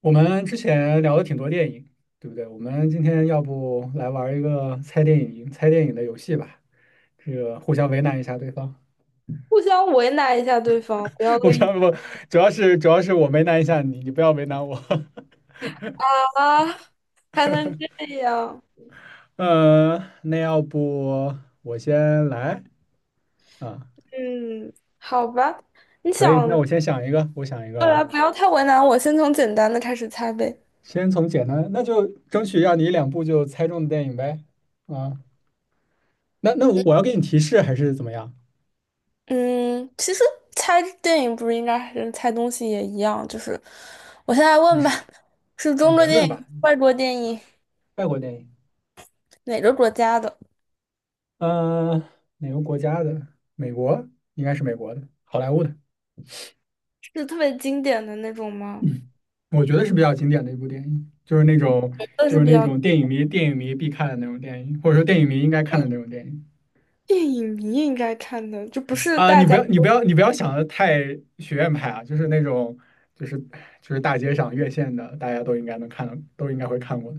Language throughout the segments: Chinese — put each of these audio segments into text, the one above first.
我们之前聊了挺多电影，对不对？我们今天要不来玩一个猜电影的游戏吧？这个互相为难一下对方，互相为难一下对方，不要 互恶意相不，主要是我为难一下你，你不要为难我。啊，还能这样？嗯，那要不我先来啊？嗯，好吧，你可以，那想我先想一个，我想一个过啊。来，不要太为难我，先从简单的开始猜呗。先从简单，那就争取让你一两部就猜中的电影呗。啊，那我要给你提示还是怎么样？嗯，其实猜电影不是应该还是猜东西也一样，就是我现在你问吧，是是啊，中你国来电问吧，影、外国电影，外国电影。哪个国家的？嗯、呃，哪个国家的？美国，应该是美国的，好莱坞的，是特别经典的那种吗？我觉得是比较经典的一部电影，就是那种那是比较电影迷必看的那种电影，或者说电影迷应该看电的影那种电影。电影迷应该看的，就不是大你不家。要你不要你不要想的太学院派啊，就是那种就是大街上院线的，大家都应该能看到，都应该会看过的。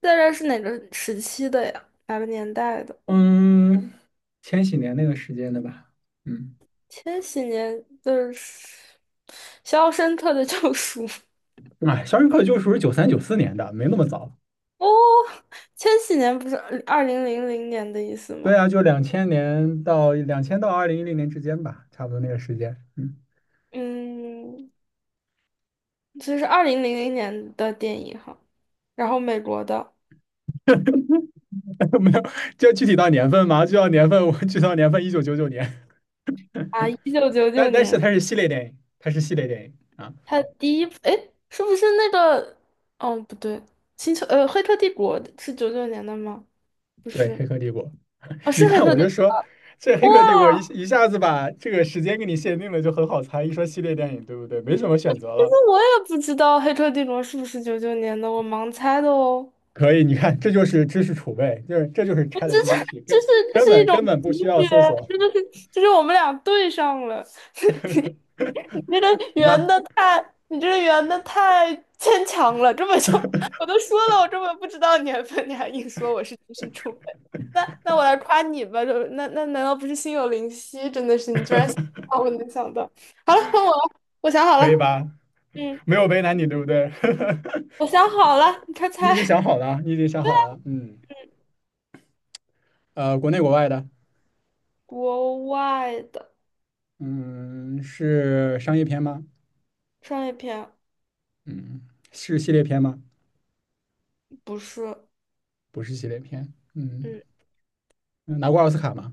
大概是哪个时期的呀？哪个年代的？嗯，千禧年那个时间的吧，嗯。千禧年的《肖申克的救赎 <laughs>》哎，《肖申克的救赎》是九三九四年的，没那么早。哦，千禧年不是二零零零年的意思吗？对啊，就两千年到两千到二零一零年之间吧，差不多那个时间。嗯，嗯，这是二零零零年的电影哈，然后美国的 没有，就具体到年份嘛，就到年份，我具体到年份一九九九年，啊，一九九但九但是年，它是系列电影啊。它第一部，哎，是不是那个？哦，不对，《黑客帝国》是九九年的吗？不对，是，《黑客帝国》，啊，是你《黑看客我帝》。就说这《黑客帝国》哇，一下子把这个时间给你限定了，就很好猜。一说系列电影，对不对？没什么选择其实了。我也不知道《黑客帝国》是不是九九年的，我盲猜的哦。可以，你看，这就是知识储备，这就是 我这是 ChatGPT，这是这是一种根本不直需要觉，搜索。真的是就是我们俩对上了。你 你这个行圆吧？的太，你这个圆的太牵强了，根本就 我都说了，我根本不知道年份，你还硬说我是知识储备。那我来夸你吧，就难道不是心有灵犀？真的是你居然想到我能想到。好了，换我了，我想好可以了。吧？嗯，没有为难你，对不对？我想好了，你快你已猜。经想好了，嗯，国内国外的，国外的嗯，是商业片吗？商业片嗯，是系列片吗？不是。不是系列片，嗯，嗯，拿过奥斯卡吗？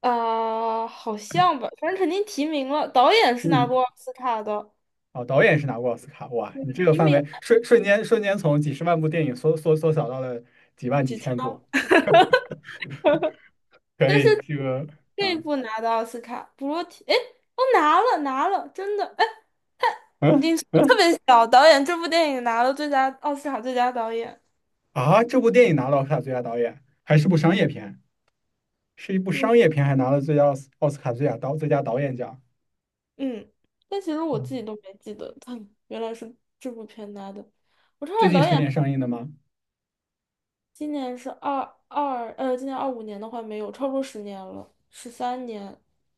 好像吧，反正肯定提名了。导演提是拿名，过奥斯卡的。哦，导演是拿过奥斯卡，哇，你嗯，这个提范名围瞬间从几十万部电影缩小到了几万几几千枪。部。可但是以，这个，这一啊部拿的奥斯卡，不过提，哎，哦，拿了拿了，真的，哎，嗯你说得特别小，导演这部电影拿了最佳奥斯卡最佳导演。这部电影拿了奥斯卡最佳导演，还是部商业片，是一部商嗯，业片，还拿了最佳奥斯奥斯卡最佳导演奖。嗯，但其实我自己都没记得，他原来是这部片拿的。我看最看近导十演。年上映的吗？今年是二二，呃，今年25年的话没有，超过十年了，13年。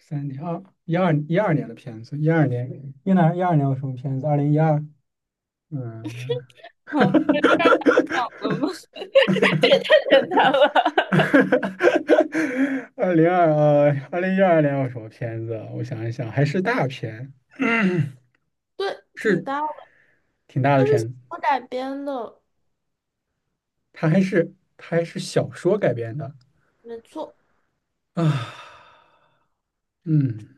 三年二一二一二年的片子，一二年一二年有什么片子？二零一二，嗯，哦，这样了吗？这也太简单了。二零一二年有什么片子啊我想一想，还是大片，对，挺是搭的，挺大的他是小片子，说改编的，它还是小说改编的没错。啊，嗯，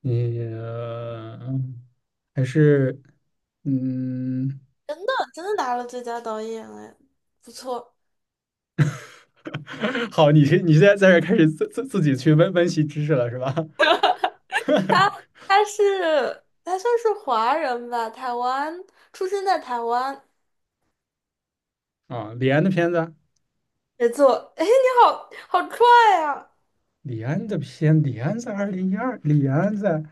你、呃还是嗯。真的真的拿了最佳导演，哎，不错。好，你现在在这开始自己去温习知识了是吧？他 他算是华人吧，台湾出生在台湾，啊，李安的片子，没错。哎，你好好帅啊！李安在二零一二，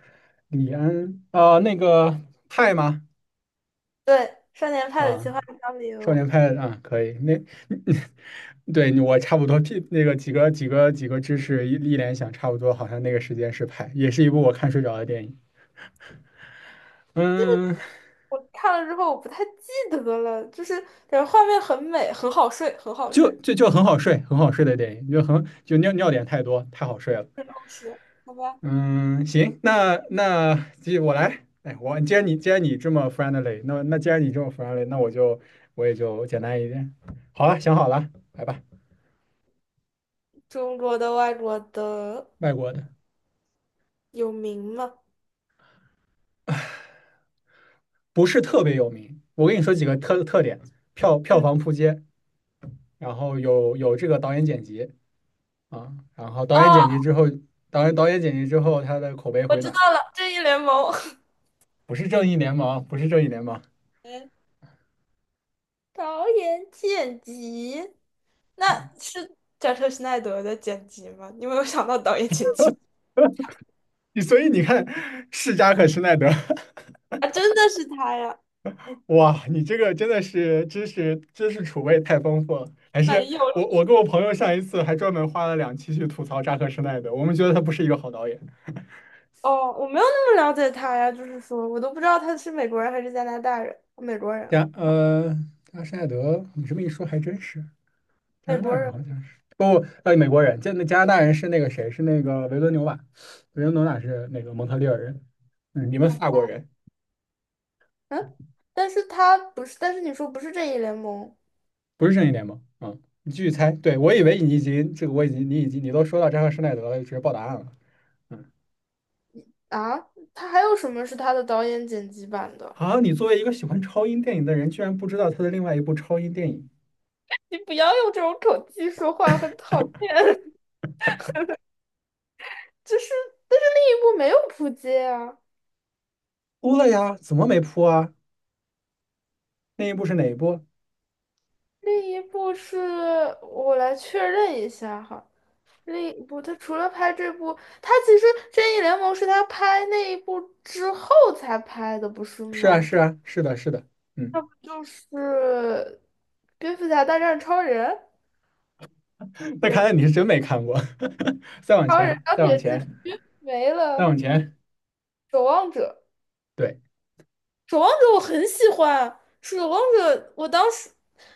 李安啊、那个派吗？对，《少年派的奇啊，幻漂少流》。年派啊，可以，那 对我差不多，屁那个几个知识一联想，差不多好像那个时间是派，也是一部我看睡着的电影，嗯，我看了之后我不太记得了，就是感觉画面很美，很好睡，很好就睡，就就很好睡，很好睡的电影，就尿点太多，太好睡了。很充实。好吧？嗯，行，那我来。哎，我既然既然你这么 friendly，那我也就简单一点。好了，想好了，来吧。中国的、外国的外国的有名吗？不是特别有名，我跟你说几个特点：票票嗯。房扑街，然后有这个导演剪辑啊，哦，导演剪辑之后，他的口碑我回知暖。道了，《正义联盟》不是正义联盟，不是正义联盟。嗯，导演剪辑，那是贾克施奈德的剪辑吗？你有没有想到导演剪辑 所以你看，世嘉克施耐德。啊？真的是他呀？哇，你这个真的是知识储备太丰富了，还是没有。我跟我朋友上一次还专门花了两期去吐槽扎克施耐德，我们觉得他不是一个好导演。哦，我没有那么了解他呀，就是说我都不知道他是美国人还是加拿大人，美国人，加呃，扎克施耐德，你这么一说还真是加美拿大国人好人。像是不呃美国人，加拿大人是那个谁是那个维伦纽瓦，维伦纽瓦是那个蒙特利尔人，嗯，你们法国人嗯，但是他不是，但是你说不是正义联盟不是正义联盟，嗯，你继续猜，我已经你都说到扎克施耐德了，直接报答案了。嗯。啊？他还有什么是他的导演剪辑版的？啊，你作为一个喜欢超英电影的人，居然不知道他的另外一部超英电影你不要用这种口气说话，很讨厌。就是，但是另一部没有扑街啊，扑了呀？怎么没扑啊？那一部是哪一部？另一部是我来确认一下哈，另一部他除了拍这部，他其实正义联盟是他拍那一部之后才拍的，不是是啊，吗？是啊，是的，是的，那嗯。不就是蝙蝠侠大战超人？那也看来不。你是真没看过。再往超人、前，钢再往铁之前，躯没再了，往前。守望者对，守望者我很喜欢，守望者我当时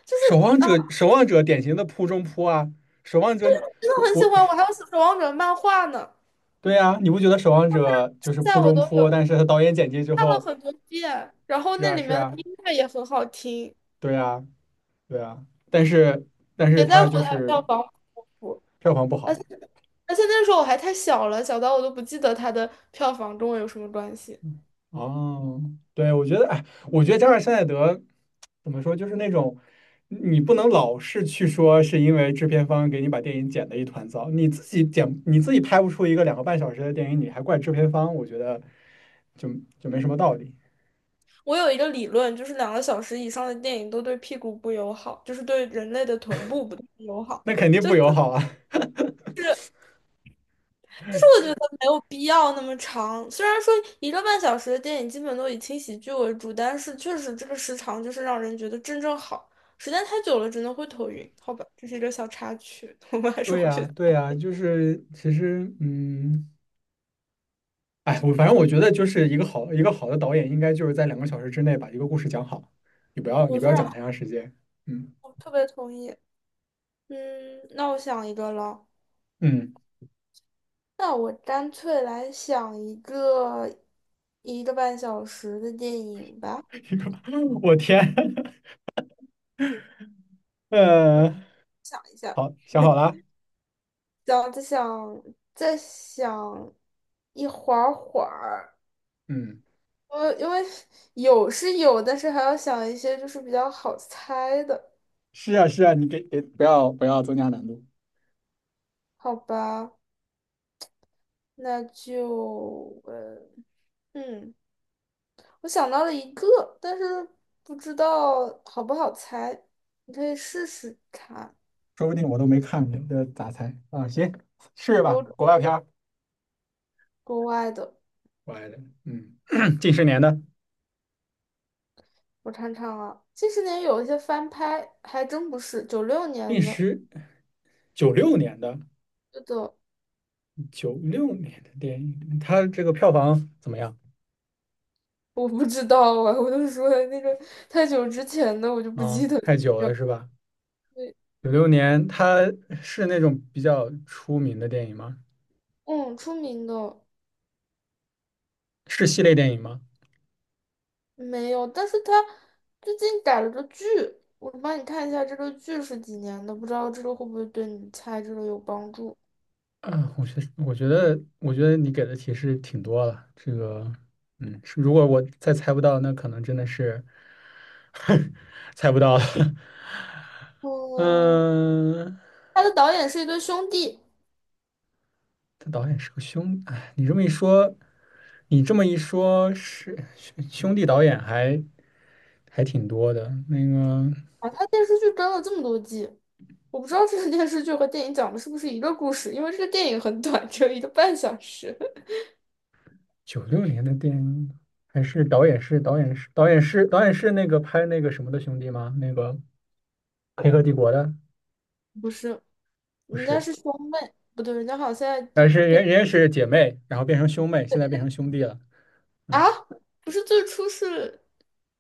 就守是望啊，者，守望者典型的扑中扑啊，守望者。真的我很喜我，欢，我还有守望者漫画呢，对呀，你不觉得守望者就现是扑在我中都扑？有，但是他导演剪辑之看了后，很多遍，然后是那啊，里是面的啊，音乐也很好听，对啊，对啊，但是也在他乎就它是票房？不，不，票房不而好。且那时候我还太小了，小到我都不记得它的票房跟我有什么关系。哦，对，我觉得，哎，我觉得加尔施耐德怎么说，就是那种你不能老是去说是因为制片方给你把电影剪的一团糟，你自己拍不出一个两个半小时的电影，你还怪制片方，我觉得就就没什么道理，我有一个理论，就是2个小时以上的电影都对屁股不友好，就是对人类的臀部不太友好。那肯定就不友好啊。就是我觉得没有必要那么长，虽然说一个半小时的电影基本都以轻喜剧为主，但是确实这个时长就是让人觉得正正好，时间太久了真的会头晕。好吧，这是一个小插曲，我们 还是对回呀，去。对呀，就是其实，嗯，哎，我反正我觉得就是一个好的导演，应该就是在两个小时之内把一个故事讲好，你我不非要讲常，太长时间，嗯我特别同意。嗯，那我想一个了，嗯。那我干脆来想一个一个半小时的电影吧。我天，嗯，呃，想好，想好了，想再想一会儿。嗯，我因为有是有，但是还要想一些就是比较好猜的，是啊是啊，你给不要增加难度，好吧？那就嗯，我想到了一个，但是不知道好不好猜，你可以试试看。说不定我都没看过，这咋猜啊？行，试试吧，有国外片儿，国外的，国外的，嗯，近十年的，我尝尝啊。近十年有一些翻拍，还真不是九六近年的，十，九六年的是的。九六年的电影，它这个票房怎么样我不知道啊，我就说那个太久之前的我就不啊？记得它太的久叫。了是吧？对，九六年，它是那种比较出名的电影吗？嗯，出名的。是系列电影吗？没有，但是他最近改了个剧，我帮你看一下这个剧是几年的，不知道这个会不会对你猜这个有帮助。啊，我觉得你给的提示挺多了。这个，嗯，是如果我再猜不到，那可能真的是 猜不到了。嗯，嗯，他的导演是一对兄弟他导演是个哎，你这么一说，是兄弟导演还挺多的。那个啊，他电视剧跟了这么多季，我不知道这个电视剧和电影讲的是不是一个故事，因为这个电影很短，只有一个半小时。九六年的电影，还是导演是那个拍那个什么的兄弟吗？那个《黑客帝国》的 不是，不人家是？是兄妹，不对，人家好像现在但是人家是姐妹，然后变成兄妹，现在变成兄弟了。啊，嗯，不是最初是，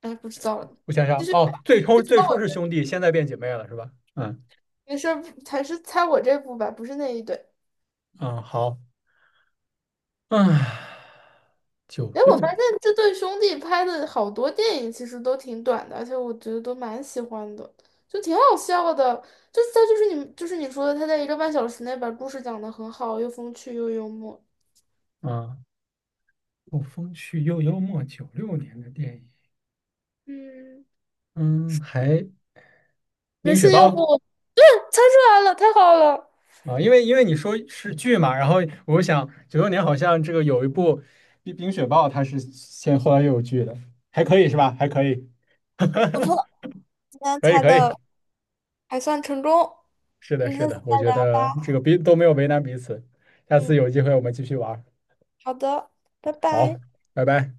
哎，不知道了，我想想，哦，最初是兄弟，现在变姐妹了，是吧？嗯没事儿，还是猜我这部吧，不是那一对。嗯，好，啊，九哎，我六发现年这对兄弟拍的好多电影其实都挺短的，而且我觉得都蛮喜欢的，就挺好笑的。就是他就是你就是你说的，他在一个半小时内把故事讲得很好。又风趣又幽默。啊，《后风趣又幽默》九六年的电影，嗯，嗯，还没冰雪事，要暴不我猜出来了，太好了，啊，因为你说是剧嘛，然后我想九六年好像这个有一部冰雪暴》，它是先后来又有剧的，还可以是吧？还可以，不错，今天可以猜可以。的还算成功。是的，嗯，是下次的，我再觉聊得这吧。个彼都没有为难彼此。下次嗯，有机会我们继续玩儿。好的，拜好，拜。拜拜。